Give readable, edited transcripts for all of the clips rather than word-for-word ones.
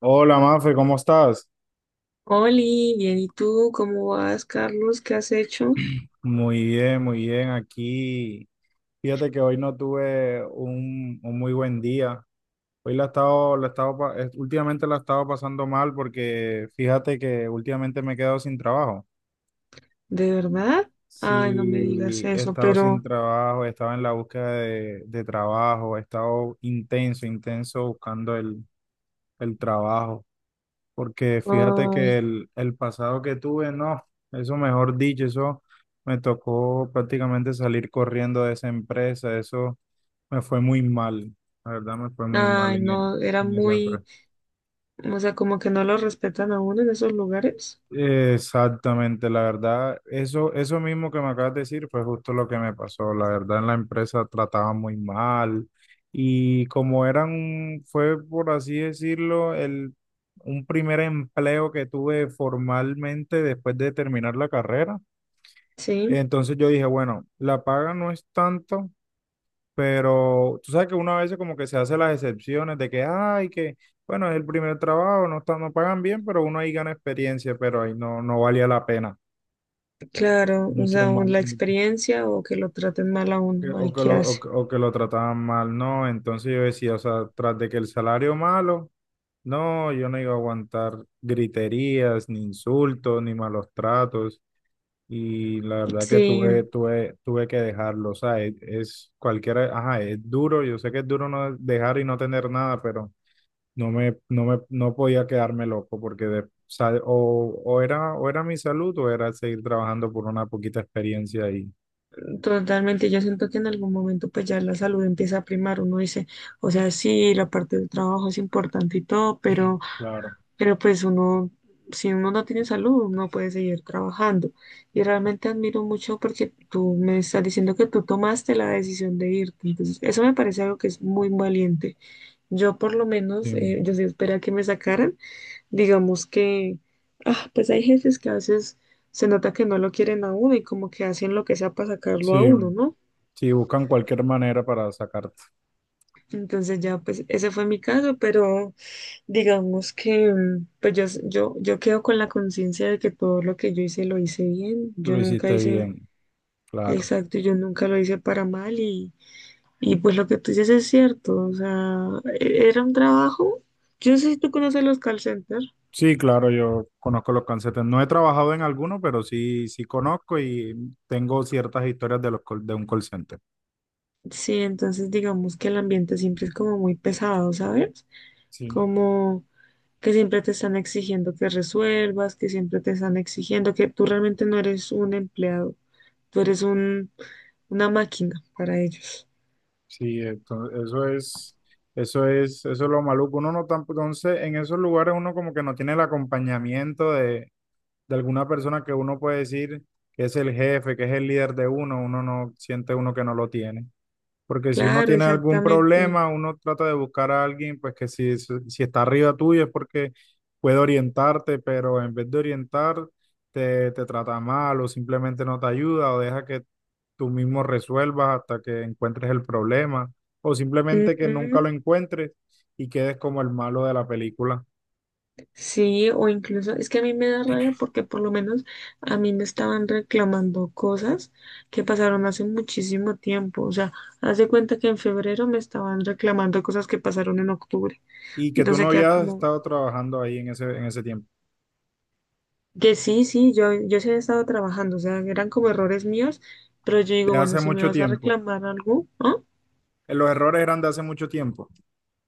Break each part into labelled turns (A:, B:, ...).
A: Hola, Mafe, ¿cómo estás?
B: Oli, bien, ¿y tú cómo vas, Carlos? ¿Qué has hecho?
A: Muy bien, muy bien. Aquí, fíjate que hoy no tuve un muy buen día. Hoy la he estado, últimamente la he estado pasando mal porque fíjate que últimamente me he quedado sin trabajo.
B: ¿De verdad? Ay, no me digas
A: Sí, he
B: eso,
A: estado sin
B: pero,
A: trabajo, he estado en la búsqueda de trabajo, he estado intenso buscando el trabajo. Porque fíjate que
B: ay,
A: el pasado que tuve, no, eso mejor dicho, eso me tocó prácticamente salir corriendo de esa empresa, eso me fue muy mal, la verdad me fue muy mal
B: ay,
A: en,
B: no, era
A: en esa
B: muy,
A: empresa.
B: o sea, como que no lo respetan a uno en esos lugares.
A: Exactamente, la verdad, eso mismo que me acabas de decir fue justo lo que me pasó. La verdad, en la empresa trataban muy mal y como eran, fue por así decirlo, el, un primer empleo que tuve formalmente después de terminar la carrera.
B: Sí,
A: Entonces yo dije, bueno, la paga no es tanto, pero tú sabes que una vez como que se hace las excepciones de que, ay, que... Bueno, es el primer trabajo, no está, no pagan bien, pero uno ahí gana experiencia, pero ahí no, no valía la pena
B: claro, o
A: mucho
B: sea, o
A: mal,
B: la experiencia o que lo traten mal a
A: o que,
B: uno, ay, ¿qué
A: o
B: hace?
A: que lo trataban mal, no, entonces yo decía, o sea, tras de que el salario malo, no, yo no iba a aguantar griterías, ni insultos, ni malos tratos, y la verdad que
B: Sí,
A: tuve que dejarlo, o sea, es cualquiera, ajá, es duro, yo sé que es duro no dejar y no tener nada, pero no podía quedarme loco, porque de, o, o era mi salud, o era seguir trabajando por una poquita experiencia ahí.
B: totalmente, yo siento que en algún momento pues ya la salud empieza a primar, uno dice, o sea, sí, la parte del trabajo es importante y todo, pero...
A: Claro.
B: Pero pues uno, si uno no tiene salud, no puede seguir trabajando. Y realmente admiro mucho porque tú me estás diciendo que tú tomaste la decisión de irte. Entonces, eso me parece algo que es muy valiente. Yo por lo menos,
A: Sí,
B: yo sí esperé que me sacaran. Digamos que, pues hay jefes que a veces se nota que no lo quieren a uno y como que hacen lo que sea para sacarlo a
A: sí,
B: uno, ¿no?
A: sí, buscan cualquier manera para sacarte.
B: Entonces ya, pues ese fue mi caso, pero... Digamos que, pues yo quedo con la conciencia de que todo lo que yo hice lo hice bien. Yo
A: Lo
B: nunca
A: hiciste
B: hice
A: bien, claro.
B: exacto, yo nunca lo hice para mal y pues lo que tú dices es cierto. O sea, era un trabajo. Yo no sé si tú conoces los call centers.
A: Sí, claro, yo conozco los calcetines. No he trabajado en alguno, pero sí, sí conozco y tengo ciertas historias de los de un call center.
B: Sí, entonces digamos que el ambiente siempre es como muy pesado, ¿sabes?
A: Sí,
B: Como que siempre te están exigiendo que resuelvas, que siempre te están exigiendo que tú realmente no eres un empleado, tú eres un, una máquina para ellos.
A: sí, entonces, eso es lo maluco. Uno no tan, entonces en esos lugares uno como que no tiene el acompañamiento de alguna persona que uno puede decir que es el jefe, que es el líder de uno, uno no siente uno que no lo tiene. Porque si uno
B: Claro,
A: tiene algún
B: exactamente.
A: problema, uno trata de buscar a alguien, pues que si, si está arriba tuyo es porque puede orientarte, pero en vez de orientar, te trata mal o simplemente no te ayuda o deja que tú mismo resuelvas hasta que encuentres el problema o simplemente que nunca
B: Ujú.
A: lo encuentres y quedes como el malo de la película
B: Sí, o incluso es que a mí me da rabia porque por lo menos a mí me estaban reclamando cosas que pasaron hace muchísimo tiempo. O sea, haz de cuenta que en febrero me estaban reclamando cosas que pasaron en octubre.
A: y
B: Y
A: que tú no
B: entonces queda
A: habías
B: como
A: estado trabajando ahí en ese tiempo,
B: que sí, sí, yo sí había estado trabajando. O sea, eran como
A: ¿ok?
B: errores míos, pero yo digo,
A: De
B: bueno,
A: hace
B: si me
A: mucho
B: vas a
A: tiempo.
B: reclamar algo, ¿ah?
A: Los errores eran de hace mucho tiempo.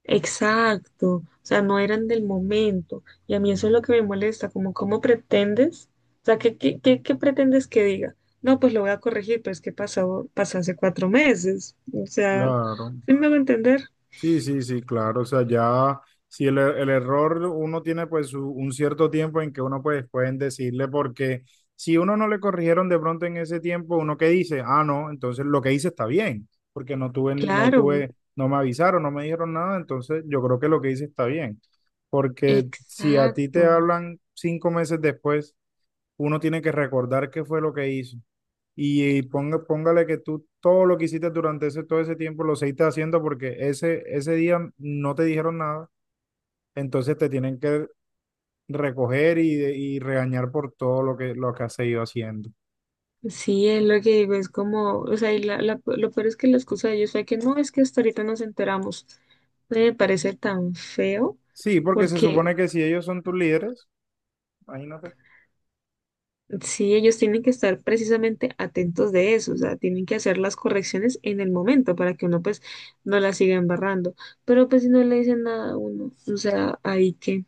B: Exacto, o sea, no eran del momento. Y a mí eso es lo que me molesta, como cómo pretendes, o sea, ¿ qué pretendes que diga? No, pues lo voy a corregir, pero es que pasó, pasó hace cuatro meses. O sea,
A: Claro.
B: ¿sí me va a entender?
A: Sí, sí, sí, claro. O sea, ya si el error uno tiene pues un cierto tiempo en que uno pues pueden decirle porque si uno no le corrigieron de pronto en ese tiempo, uno que dice, ah, no, entonces lo que hice está bien, porque no
B: Claro,
A: tuve, no me avisaron, no me dijeron nada, entonces yo creo que lo que hice está bien. Porque si a ti
B: exacto.
A: te hablan cinco meses después, uno tiene que recordar qué fue lo que hizo y, ponga, póngale que tú todo lo que hiciste durante ese, todo ese tiempo lo seguiste haciendo porque ese día no te dijeron nada, entonces te tienen que recoger y regañar por todo lo lo que has seguido haciendo.
B: Sí, es lo que digo, es como, o sea, y lo peor es que la excusa de ellos fue que no, es que hasta ahorita nos enteramos. Me parece tan feo,
A: Sí, porque se
B: porque,
A: supone que si ellos son tus líderes, imagínate.
B: sí, ellos tienen que estar precisamente atentos de eso, o sea, tienen que hacer las correcciones en el momento para que uno pues no la siga embarrando. Pero pues si no le dicen nada a uno, o sea, ahí que,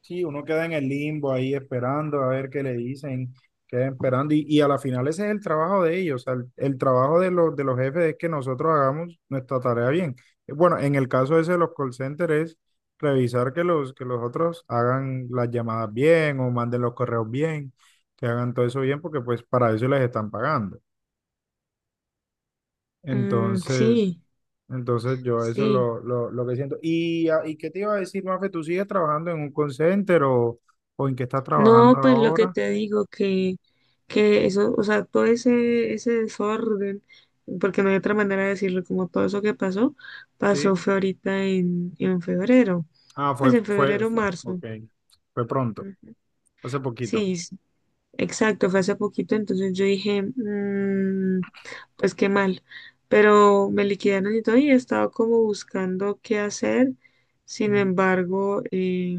A: Sí, uno queda en el limbo ahí esperando a ver qué le dicen, queda esperando y a la final ese es el trabajo de ellos, o sea, el trabajo de los jefes es que nosotros hagamos nuestra tarea bien. Bueno, en el caso ese de los call centers es revisar que los otros hagan las llamadas bien o manden los correos bien, que hagan todo eso bien porque pues para eso les están pagando.
B: mm,
A: Entonces...
B: sí,
A: Entonces yo eso es
B: sí.
A: lo que siento. ¿Y, y qué te iba a decir, Mafe? ¿Tú sigues trabajando en un call center o en qué estás trabajando
B: No, pues lo que
A: ahora?
B: te digo que eso, o sea, ese desorden, porque no hay otra manera de decirlo, como todo eso que pasó, pasó
A: Sí.
B: fue ahorita en febrero,
A: Ah,
B: pues en febrero,
A: fue,
B: marzo.
A: ok. Fue pronto,
B: Ujú.
A: hace poquito.
B: Sí, exacto, fue hace poquito, entonces yo dije, "Mm, pues qué mal, pero me liquidaron y todo y he estado como buscando qué hacer, sin
A: Mm.
B: embargo,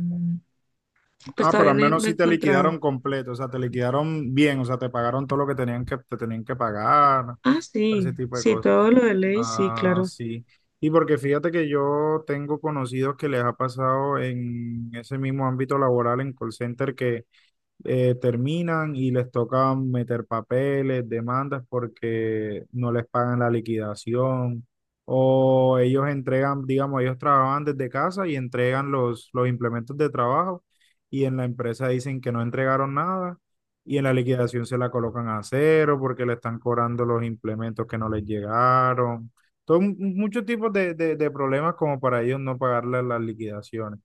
B: pues
A: Ah, pero
B: todavía
A: al menos
B: no he
A: sí te
B: encontrado.
A: liquidaron completo, o sea, te liquidaron bien, o sea, te pagaron todo lo que tenían que, te tenían que pagar,
B: Ah,
A: todo ese
B: sí,
A: tipo de
B: sí,
A: cosas.
B: todo lo de ley, sí,
A: Ah,
B: claro.
A: sí. Y porque fíjate que yo tengo conocidos que les ha pasado en ese mismo ámbito laboral en call center que terminan y les toca meter papeles, demandas porque no les pagan la liquidación o ellos entregan, digamos, ellos trabajaban desde casa y entregan los implementos de trabajo y en la empresa dicen que no entregaron nada y en la liquidación se la colocan a cero porque le están cobrando los implementos que no les llegaron. Todo, muchos tipos de, de problemas como para ellos no pagarle las liquidaciones.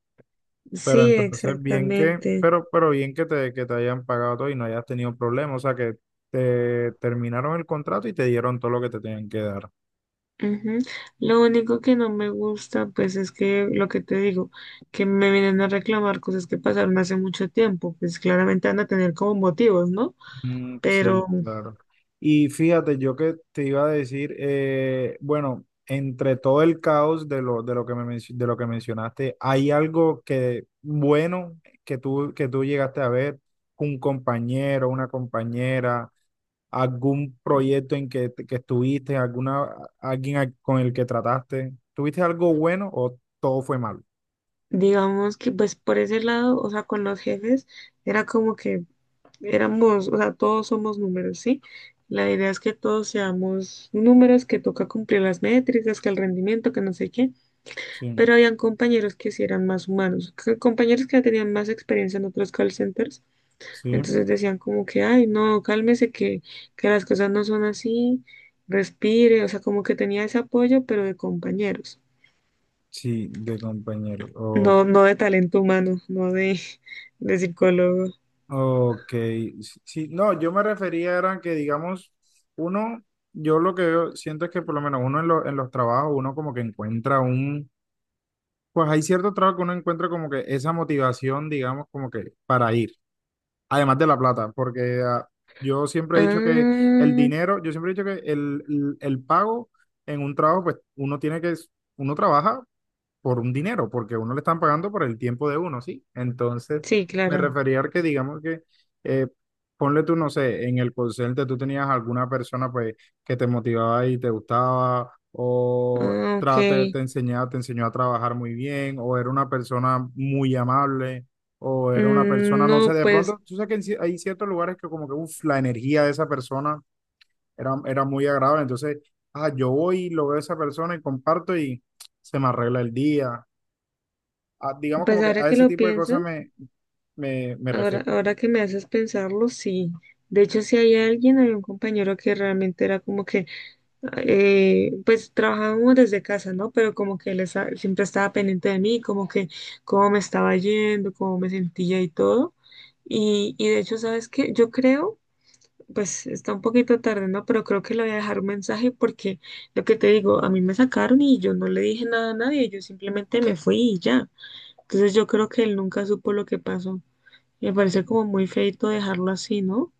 A: Pero
B: Sí,
A: entonces bien que,
B: exactamente.
A: pero bien que que te hayan pagado todo y no hayas tenido problemas, o sea que te terminaron el contrato y te dieron todo lo que te tenían que dar.
B: Ujú. Lo único que no me gusta, pues es que lo que te digo, que me vienen a reclamar cosas que pasaron hace mucho tiempo, pues claramente van a tener como motivos, ¿no?
A: Mm,
B: Pero...
A: sí, claro. Y fíjate, yo que te iba a decir, bueno, entre todo el caos de lo que me, de lo que mencionaste, ¿hay algo que bueno que tú llegaste a ver? Un compañero, una compañera algún proyecto en que estuviste, alguna, alguien con el que trataste. ¿Tuviste algo bueno o todo fue malo?
B: Digamos que pues por ese lado, o sea, con los jefes era como que éramos, o sea, todos somos números, ¿sí? La idea es que todos seamos números, que toca cumplir las métricas, que el rendimiento, que no sé qué,
A: Sí,
B: pero habían compañeros que sí eran más humanos, compañeros que ya tenían más experiencia en otros call centers,
A: sí,
B: entonces decían como que, ay, no, cálmese, que las cosas no son así, respire, o sea, como que tenía ese apoyo, pero de compañeros,
A: sí, de compañero. O-
B: no, no de talento humano, no de de psicólogo.
A: ok, sí, sí, no, yo me refería era que, digamos, uno, yo lo siento es que por lo menos uno en, en los trabajos, uno como que encuentra un, pues hay cierto trabajo que uno encuentra como que esa motivación, digamos, como que para ir. Además de la plata, porque ah, yo siempre he dicho que el
B: Ah,
A: dinero, yo siempre he dicho que el pago en un trabajo, pues uno tiene que, uno trabaja por un dinero, porque a uno le están pagando por el tiempo de uno, ¿sí? Entonces,
B: sí,
A: me
B: claro.
A: refería a que digamos que, eh, ponle tú, no sé, en el call center tú tenías alguna persona pues que te motivaba y te gustaba, o
B: Ah,
A: trate,
B: ok.
A: te enseñaba, te enseñó a trabajar muy bien, o era una persona muy amable, o era una
B: Mm,
A: persona, no sé,
B: no,
A: de
B: pues,
A: pronto, tú sabes que en hay ciertos lugares que como que, uff, la energía de esa persona era muy agradable, entonces, ah, yo voy, y lo veo a esa persona y comparto y se me arregla el día, digamos como
B: pues
A: que
B: ahora
A: a
B: que
A: ese
B: lo
A: tipo de cosas
B: piensas,
A: me refiero.
B: ahora que me haces pensarlo, sí. De hecho, si hay alguien, había un compañero que realmente era como que, pues trabajábamos desde casa, ¿no? Pero como que él siempre estaba pendiente de mí, como que cómo me estaba yendo, cómo me sentía y todo. Y de hecho, ¿sabes qué? Yo creo pues está un poquito tarde, ¿no? Pero creo que le voy a dejar un mensaje porque lo que te digo, a mí me sacaron y yo no le dije nada a nadie, yo simplemente me fui y ya. Entonces yo creo que él nunca supo lo que pasó. Me parece como muy feito dejarlo así, ¿no?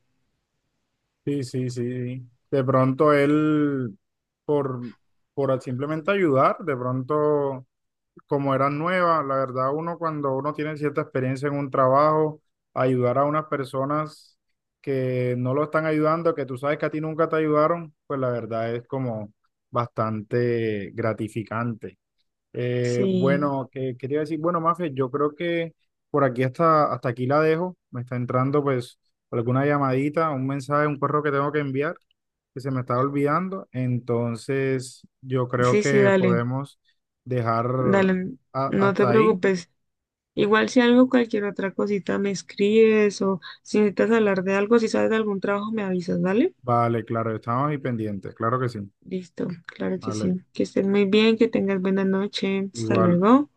A: Sí, sí, sí. De pronto él, por, por simplemente ayudar, de pronto, como eran nuevas, la verdad, uno cuando uno tiene cierta experiencia en un trabajo, ayudar a unas personas que no lo están ayudando, que tú sabes que a ti nunca te ayudaron, pues la verdad es como bastante gratificante.
B: Sí,
A: Bueno, que quería decir, bueno, Mafe, yo creo que por aquí hasta, hasta aquí la dejo. Me está entrando pues alguna llamadita, un mensaje, un correo que tengo que enviar, que se me estaba olvidando. Entonces, yo creo
B: sí, sí,
A: que
B: dale,
A: podemos dejar
B: dale, no te
A: hasta ahí.
B: preocupes. Igual si algo, cualquier otra cosita me escribes o si necesitas hablar de algo, si sabes de algún trabajo, me avisas, ¿dale?
A: Vale, claro, estamos ahí pendientes, claro que sí.
B: Listo, claro que
A: Vale,
B: sí. Que estés muy bien, que tengas buena noche. Hasta
A: igual.
B: luego.